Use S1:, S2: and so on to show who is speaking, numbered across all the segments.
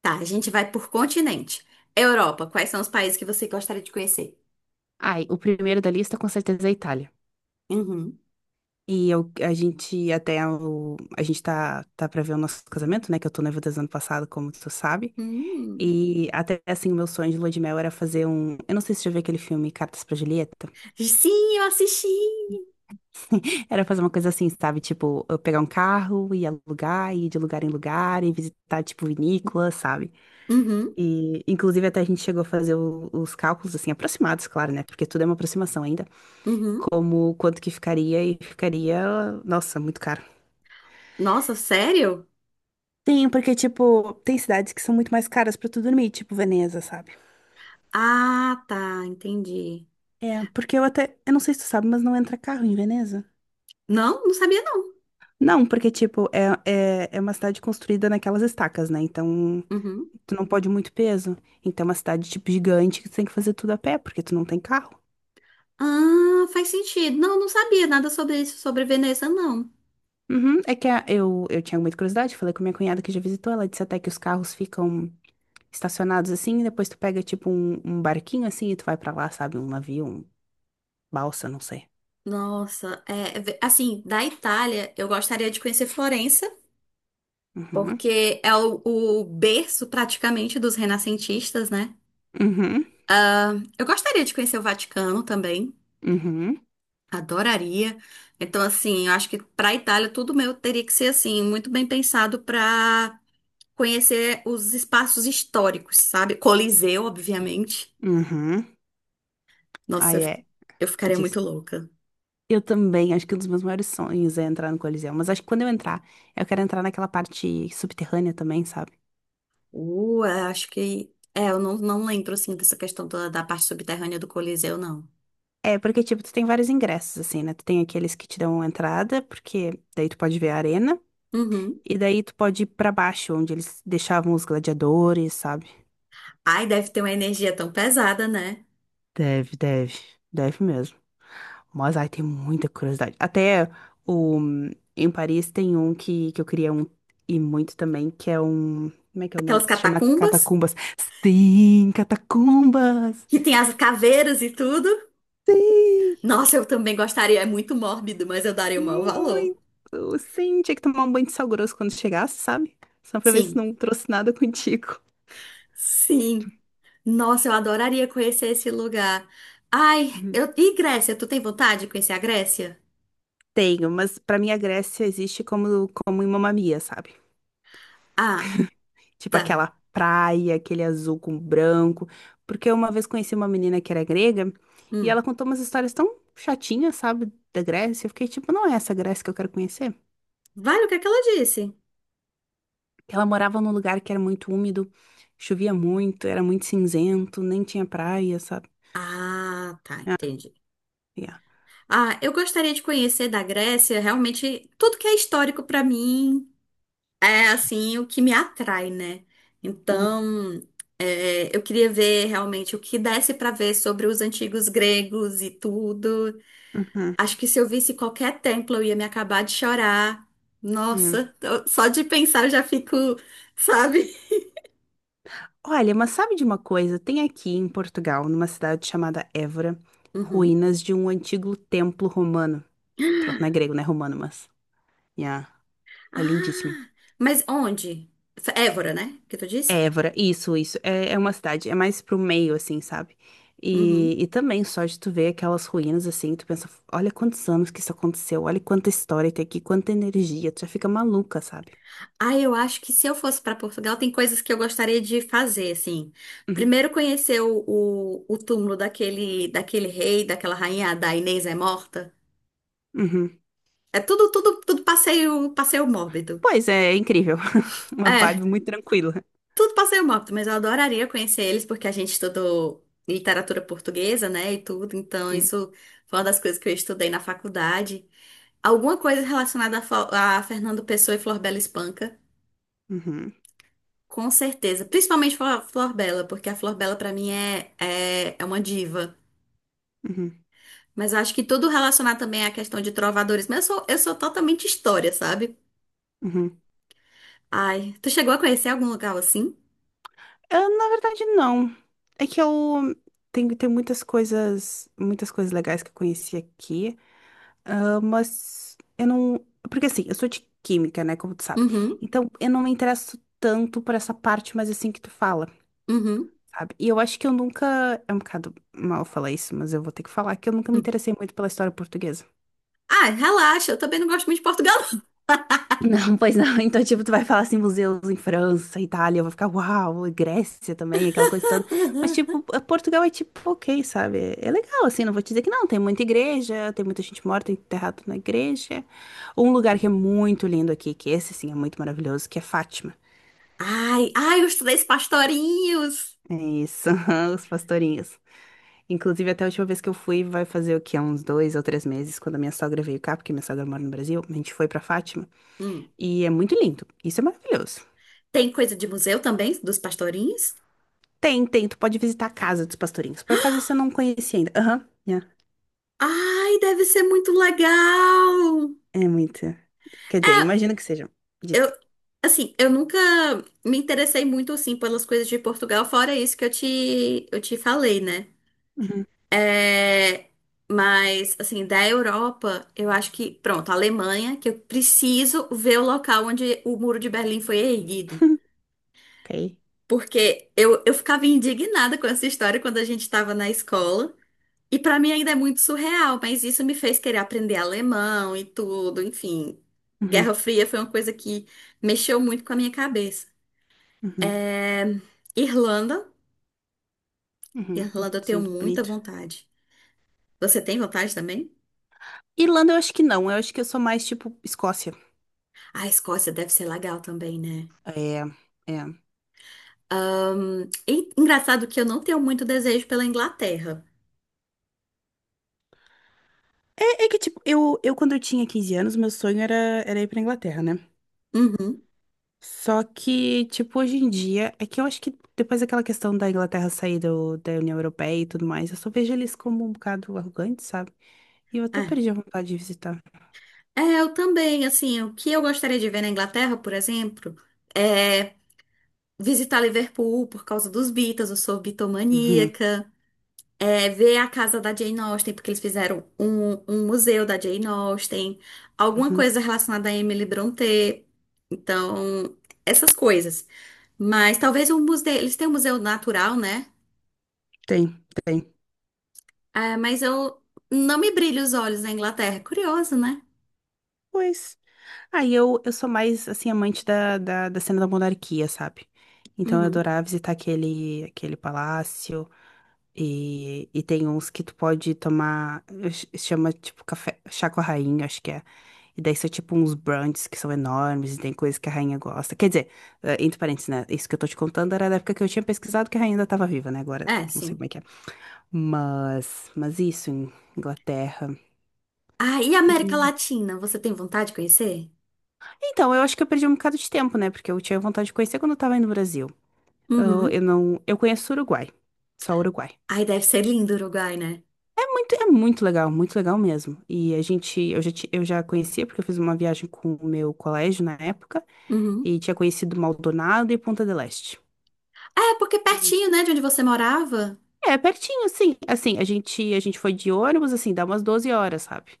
S1: Tá, a gente vai por continente. Europa, quais são os países que você gostaria de conhecer?
S2: Ai, o primeiro da lista com certeza é a Itália.
S1: Uhum.
S2: E eu, a gente até o, A gente tá pra ver o nosso casamento, né? Que eu tô noiva desde o ano passado, como tu sabe.
S1: Hum.
S2: E até assim, o meu sonho de lua de mel era fazer um. Eu não sei se você já viu aquele filme Cartas pra Julieta.
S1: Sim, eu assisti.
S2: Era fazer uma coisa assim, sabe? Tipo, eu pegar um carro, ir alugar, ir de lugar em lugar, e visitar, tipo, vinícola, sabe?
S1: Uhum,
S2: E, inclusive, até a gente chegou a fazer os cálculos, assim, aproximados, claro, né? Porque tudo é uma aproximação ainda.
S1: uhum.
S2: Como quanto que ficaria e ficaria, nossa, muito caro.
S1: Nossa, sério?
S2: Sim, porque, tipo, tem cidades que são muito mais caras pra tu dormir, tipo Veneza, sabe?
S1: Ah, tá, entendi.
S2: É, porque eu até. Eu não sei se tu sabe, mas não entra carro em Veneza.
S1: Não, não sabia não.
S2: Não, porque, tipo, é uma cidade construída naquelas estacas, né? Então,
S1: Uhum.
S2: tu não pode muito peso. Então, é uma cidade, tipo, gigante que tu tem que fazer tudo a pé, porque tu não tem carro.
S1: Ah, faz sentido. Não, não sabia nada sobre isso, sobre Veneza, não.
S2: Uhum, é que eu tinha muita curiosidade, falei com minha cunhada que já visitou, ela disse até que os carros ficam estacionados assim, e depois tu pega tipo um barquinho assim e tu vai pra lá, sabe? Um navio, um balsa, não sei.
S1: Nossa, é, assim, da Itália, eu gostaria de conhecer Florença,
S2: Uhum,
S1: porque é o berço praticamente dos renascentistas, né?
S2: uhum,
S1: Ah, eu gostaria de conhecer o Vaticano também,
S2: uhum,
S1: adoraria. Então, assim, eu acho que para a Itália tudo meu teria que ser assim, muito bem pensado para conhecer os espaços históricos, sabe? Coliseu, obviamente.
S2: uhum.
S1: Nossa, eu
S2: Aí
S1: fi-
S2: é,
S1: eu ficaria
S2: disse.
S1: muito louca.
S2: Eu também, acho que um dos meus maiores sonhos é entrar no Coliseu, mas acho que quando eu entrar, eu quero entrar naquela parte subterrânea também, sabe?
S1: Eu acho que. É, eu não, não lembro assim dessa questão da parte subterrânea do Coliseu, não.
S2: É, porque tipo, tu tem vários ingressos assim, né? Tu tem aqueles que te dão entrada, porque daí tu pode ver a arena.
S1: Uhum.
S2: E daí tu pode ir pra baixo, onde eles deixavam os gladiadores, sabe?
S1: Ai, deve ter uma energia tão pesada, né?
S2: Deve, deve. Deve mesmo. Mas, ai, tem muita curiosidade. O, Em Paris tem um que eu queria ir muito também, que é um. Como é que é o nome?
S1: Aquelas
S2: Se chama
S1: catacumbas
S2: Catacumbas. Sim, Catacumbas!
S1: que tem as caveiras e tudo.
S2: Sim!
S1: Nossa, eu também gostaria, é muito mórbido, mas eu daria o maior valor.
S2: Muito! Sim, tinha que tomar um banho de sal grosso quando chegasse, sabe? Só pra ver se
S1: Sim,
S2: não trouxe nada contigo.
S1: sim. Nossa, eu adoraria conhecer esse lugar. Ai,
S2: Uhum.
S1: eu... e Grécia? Tu tem vontade de conhecer a Grécia?
S2: Tenho, mas pra mim a Grécia existe como em Mamma Mia, sabe?
S1: Ah,
S2: Tipo
S1: tá.
S2: aquela praia, aquele azul com branco. Porque eu uma vez conheci uma menina que era grega e
S1: Hum.
S2: ela contou umas histórias tão chatinhas, sabe, da Grécia. Eu fiquei tipo, não é essa Grécia que eu quero conhecer.
S1: Vale o que é que ela disse?
S2: Ela morava num lugar que era muito úmido, chovia muito, era muito cinzento, nem tinha praia, sabe?
S1: Ah, tá, entendi.
S2: Yeah.
S1: Ah, eu gostaria de conhecer da Grécia realmente tudo que é histórico pra mim, é assim o que me atrai, né?
S2: Uhum,
S1: Então, é, eu queria ver realmente o que desse pra ver sobre os antigos gregos e tudo.
S2: uhum,
S1: Acho que se eu visse qualquer templo, eu ia me acabar de chorar.
S2: uhum.
S1: Só de pensar eu já fico, sabe?
S2: Olha, mas sabe de uma coisa? Tem aqui em Portugal, numa cidade chamada Évora,
S1: Uhum.
S2: ruínas de um antigo templo romano. Pronto, não é grego, não é romano, mas. Yeah, é lindíssimo.
S1: Ah, mas onde? Évora, né? Que tu disse?
S2: Évora, isso, isso. É uma cidade, é mais pro meio, assim, sabe?
S1: Uhum.
S2: E também só de tu ver aquelas ruínas, assim, tu pensa, olha quantos anos que isso aconteceu, olha quanta história tem aqui, quanta energia, tu já fica maluca, sabe?
S1: Ah, eu acho que se eu fosse para Portugal, tem coisas que eu gostaria de fazer, assim.
S2: Uhum,
S1: Primeiro, conhecer o túmulo daquele rei, daquela rainha, da Inês é morta.
S2: uhum.
S1: É tudo, tudo, tudo passeio, passeio mórbido.
S2: Pois é. Incrível. Uma
S1: É,
S2: vibe muito tranquila.
S1: tudo passeio mórbido, mas eu adoraria conhecer eles, porque a gente estudou literatura portuguesa, né, e tudo. Então,
S2: Uhum,
S1: isso foi uma das coisas que eu estudei na faculdade. Alguma coisa relacionada a, a Fernando Pessoa e Flor Bela Espanca.
S2: uhum,
S1: Com certeza. Principalmente a Flor Bela, porque a Flor Bela, pra mim, é uma diva.
S2: uhum,
S1: Mas eu acho que tudo relacionar também à questão de trovadores. Mas eu sou totalmente história, sabe?
S2: uhum.
S1: Ai, tu chegou a conhecer algum lugar assim?
S2: Ah, na verdade, não. É que eu. Tem muitas coisas legais que eu conheci aqui. Ah, mas eu não. Porque assim, eu sou de química, né? Como tu sabe.
S1: Uhum,
S2: Então, eu não me interesso tanto por essa parte, mas assim que tu fala,
S1: uhum.
S2: sabe? E eu acho que eu nunca. É um bocado mal falar isso, mas eu vou ter que falar que eu nunca me
S1: Uhum.
S2: interessei muito pela história portuguesa.
S1: Ai, relaxa, eu também não gosto muito de Portugal.
S2: Não, pois não. Então, tipo, tu vai falar assim, museus em França, Itália, eu vou ficar, uau, e Grécia também, aquela coisa toda. Mas, tipo, Portugal é tipo, ok, sabe? É legal, assim, não vou te dizer que não. Tem muita igreja, tem muita gente morta enterrada na igreja. Um lugar que é muito lindo aqui, que esse, sim, é muito maravilhoso, que é Fátima.
S1: Ai, ai, os três pastorinhos.
S2: É isso, os pastorinhos. Inclusive, até a última vez que eu fui, vai fazer o quê? Uns 2 ou 3 meses, quando a minha sogra veio cá, porque minha sogra mora no Brasil, a gente foi pra Fátima.
S1: Hum.
S2: E é muito lindo. Isso é maravilhoso.
S1: Tem coisa de museu também, dos pastorinhos?
S2: Tem, tem. Tu pode visitar a casa dos pastorinhos. Por acaso isso eu não conhecia ainda. Aham. Yeah.
S1: Ai, deve ser muito legal.
S2: É muito. Quer dizer,
S1: É,
S2: imagino que sejam. Disse.
S1: eu, assim, eu nunca me interessei muito, assim, pelas coisas de Portugal, fora isso que eu te falei, né?
S2: Uhum.
S1: É, mas, assim, da Europa, eu acho que, pronto, a Alemanha, que eu preciso ver o local onde o Muro de Berlim foi erguido.
S2: Ok.
S1: Porque eu ficava indignada com essa história quando a gente estava na escola. E para mim ainda é muito surreal, mas isso me fez querer aprender alemão e tudo, enfim. Guerra
S2: Uhum.
S1: Fria foi uma coisa que mexeu muito com a minha cabeça.
S2: Uhum.
S1: É, Irlanda.
S2: Uhum.
S1: Irlanda eu
S2: Isso é
S1: tenho
S2: muito
S1: muita
S2: bonito.
S1: vontade. Você tem vontade também?
S2: Irlanda eu acho que não. Eu acho que eu sou mais tipo Escócia.
S1: A Escócia deve ser legal também, né?
S2: É. É.
S1: E engraçado que eu não tenho muito desejo pela Inglaterra.
S2: É que, tipo, eu quando eu tinha 15 anos, meu sonho era ir pra Inglaterra, né?
S1: Uhum.
S2: Só que, tipo, hoje em dia, é que eu acho que depois daquela questão da Inglaterra sair da União Europeia e tudo mais, eu só vejo eles como um bocado arrogantes, sabe? E eu até
S1: É.
S2: perdi a vontade de visitar.
S1: É, eu também, assim, o que eu gostaria de ver na Inglaterra, por exemplo, é visitar Liverpool por causa dos Beatles, eu sou
S2: Uhum,
S1: bitomaníaca. É, ver a casa da Jane Austen, porque eles fizeram um museu da Jane Austen, alguma
S2: uhum.
S1: coisa relacionada a Emily Brontë. Então, essas coisas. Mas talvez um museu. Eles têm um museu natural, né?
S2: Tem, tem.
S1: É, mas eu não me brilho os olhos na Inglaterra. É curioso, né?
S2: Pois. Aí eu sou mais, assim, amante da cena da monarquia, sabe? Então eu
S1: Uhum.
S2: adorava visitar aquele palácio. E tem uns que tu pode tomar. Chama, tipo, café, chá com a rainha, acho que é. E daí são, tipo, uns brunches que são enormes. E tem coisas que a rainha gosta. Quer dizer, entre parênteses, né? Isso que eu tô te contando era da época que eu tinha pesquisado que a rainha ainda tava viva, né? Agora,
S1: É,
S2: não sei
S1: sim.
S2: como é que. Mas isso, em Inglaterra.
S1: Ah, e a América
S2: E
S1: Latina? Você tem vontade de conhecer?
S2: então, eu acho que eu perdi um bocado de tempo, né? Porque eu tinha vontade de conhecer quando eu tava aí no Brasil. Eu,
S1: Uhum.
S2: eu não, eu conheço o Uruguai, só o Uruguai.
S1: Ai, deve ser lindo o Uruguai, né?
S2: É muito legal mesmo. E a gente, eu já, ti- eu já conhecia porque eu fiz uma viagem com o meu colégio na época
S1: Uhum.
S2: e tinha conhecido Maldonado e Ponta del Este.
S1: É, porque
S2: e-
S1: pertinho, né, de onde você morava?
S2: É, pertinho, sim. Assim, a gente foi de ônibus, assim, dá umas 12 horas, sabe?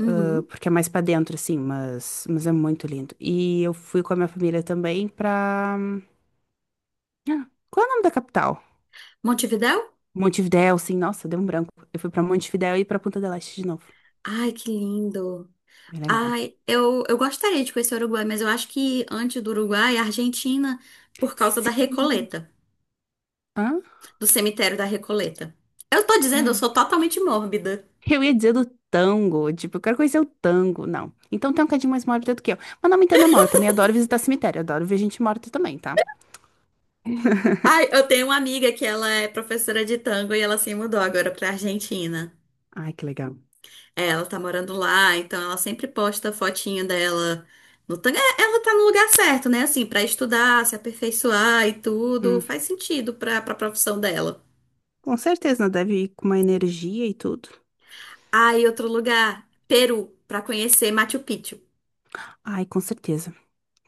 S2: Porque é mais pra dentro, assim, mas é muito lindo. E eu fui com a minha família também pra. Ah, qual é o nome da capital?
S1: Montevidéu?
S2: Montevidéu, sim, nossa, deu um branco. Eu fui pra Montevidéu e pra Punta del Este de novo.
S1: Ai, que lindo.
S2: Bem legal.
S1: Ai, eu gostaria de conhecer o Uruguai, mas eu acho que antes do Uruguai, a Argentina, por causa da
S2: Sim.
S1: Recoleta,
S2: Hã?
S1: do cemitério da Recoleta. Eu tô dizendo, eu
S2: Ai.
S1: sou totalmente mórbida.
S2: Eu ia dizer do tango, tipo, eu quero conhecer o tango. Não. Então tem um bocadinho mais mórbido do que eu. Mas não me entenda mal, eu também adoro visitar cemitério, adoro ver gente morta também, tá?
S1: Ai, eu tenho uma amiga que ela é professora de tango e ela se mudou agora pra Argentina.
S2: Ai, que legal.
S1: É, ela tá morando lá, então ela sempre posta fotinho dela no tango. É, ela tá no lugar certo, né? Assim, pra estudar, se aperfeiçoar e tudo,
S2: Hum,
S1: faz sentido pra, pra profissão dela.
S2: com certeza, deve ir com uma energia e tudo.
S1: Ah, e outro lugar, Peru, pra conhecer Machu Picchu.
S2: Ai, com certeza.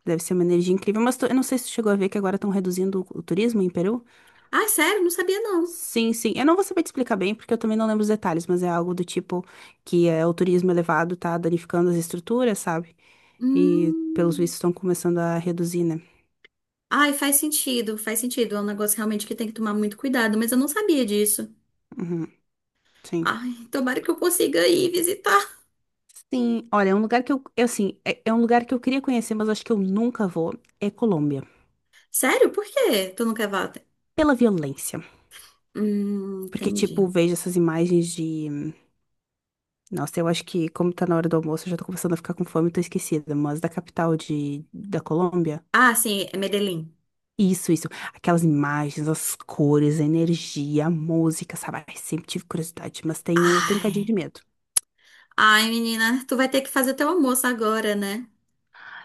S2: Deve ser uma energia incrível, mas eu não sei se tu chegou a ver que agora estão reduzindo o turismo em Peru.
S1: Ah, sério? Não sabia não.
S2: Sim, sim. Eu não vou saber te explicar bem, porque eu também não lembro os detalhes, mas é algo do tipo que é, o turismo elevado tá danificando as estruturas, sabe? E pelos
S1: Hum.
S2: vistos estão começando a reduzir, né?
S1: Ai, faz sentido, faz sentido. É um negócio realmente que tem que tomar muito cuidado, mas eu não sabia disso.
S2: Uhum, sim.
S1: Ai, tomara que eu consiga ir visitar.
S2: Sim, olha, é um lugar que eu, assim, é um lugar que eu queria conhecer, mas acho que eu nunca vou, é Colômbia.
S1: Sério? Por quê? Tu não quer volta?
S2: Pela violência. Porque,
S1: Entendi.
S2: tipo, vejo essas imagens de. Nossa, eu acho que, como tá na hora do almoço, eu já tô começando a ficar com fome e tô esquecida, mas da capital da Colômbia.
S1: Ah, sim, é Medellín.
S2: Isso, isso. Aquelas imagens, as cores, a energia, a música, sabe? Ai, sempre tive curiosidade, mas tenho um bocadinho de
S1: Ai.
S2: medo.
S1: Ai, menina, tu vai ter que fazer teu almoço agora, né?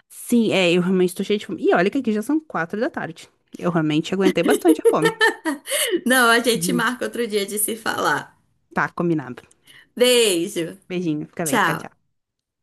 S2: Sim, é, eu realmente tô cheia de fome. E olha que aqui já são 4 da tarde. Eu realmente aguentei bastante a fome.
S1: Não, a gente
S2: Uhum.
S1: marca outro dia de se falar.
S2: Tá, combinado.
S1: Beijo.
S2: Beijinho, fica bem, tchau,
S1: Tchau.
S2: tchau.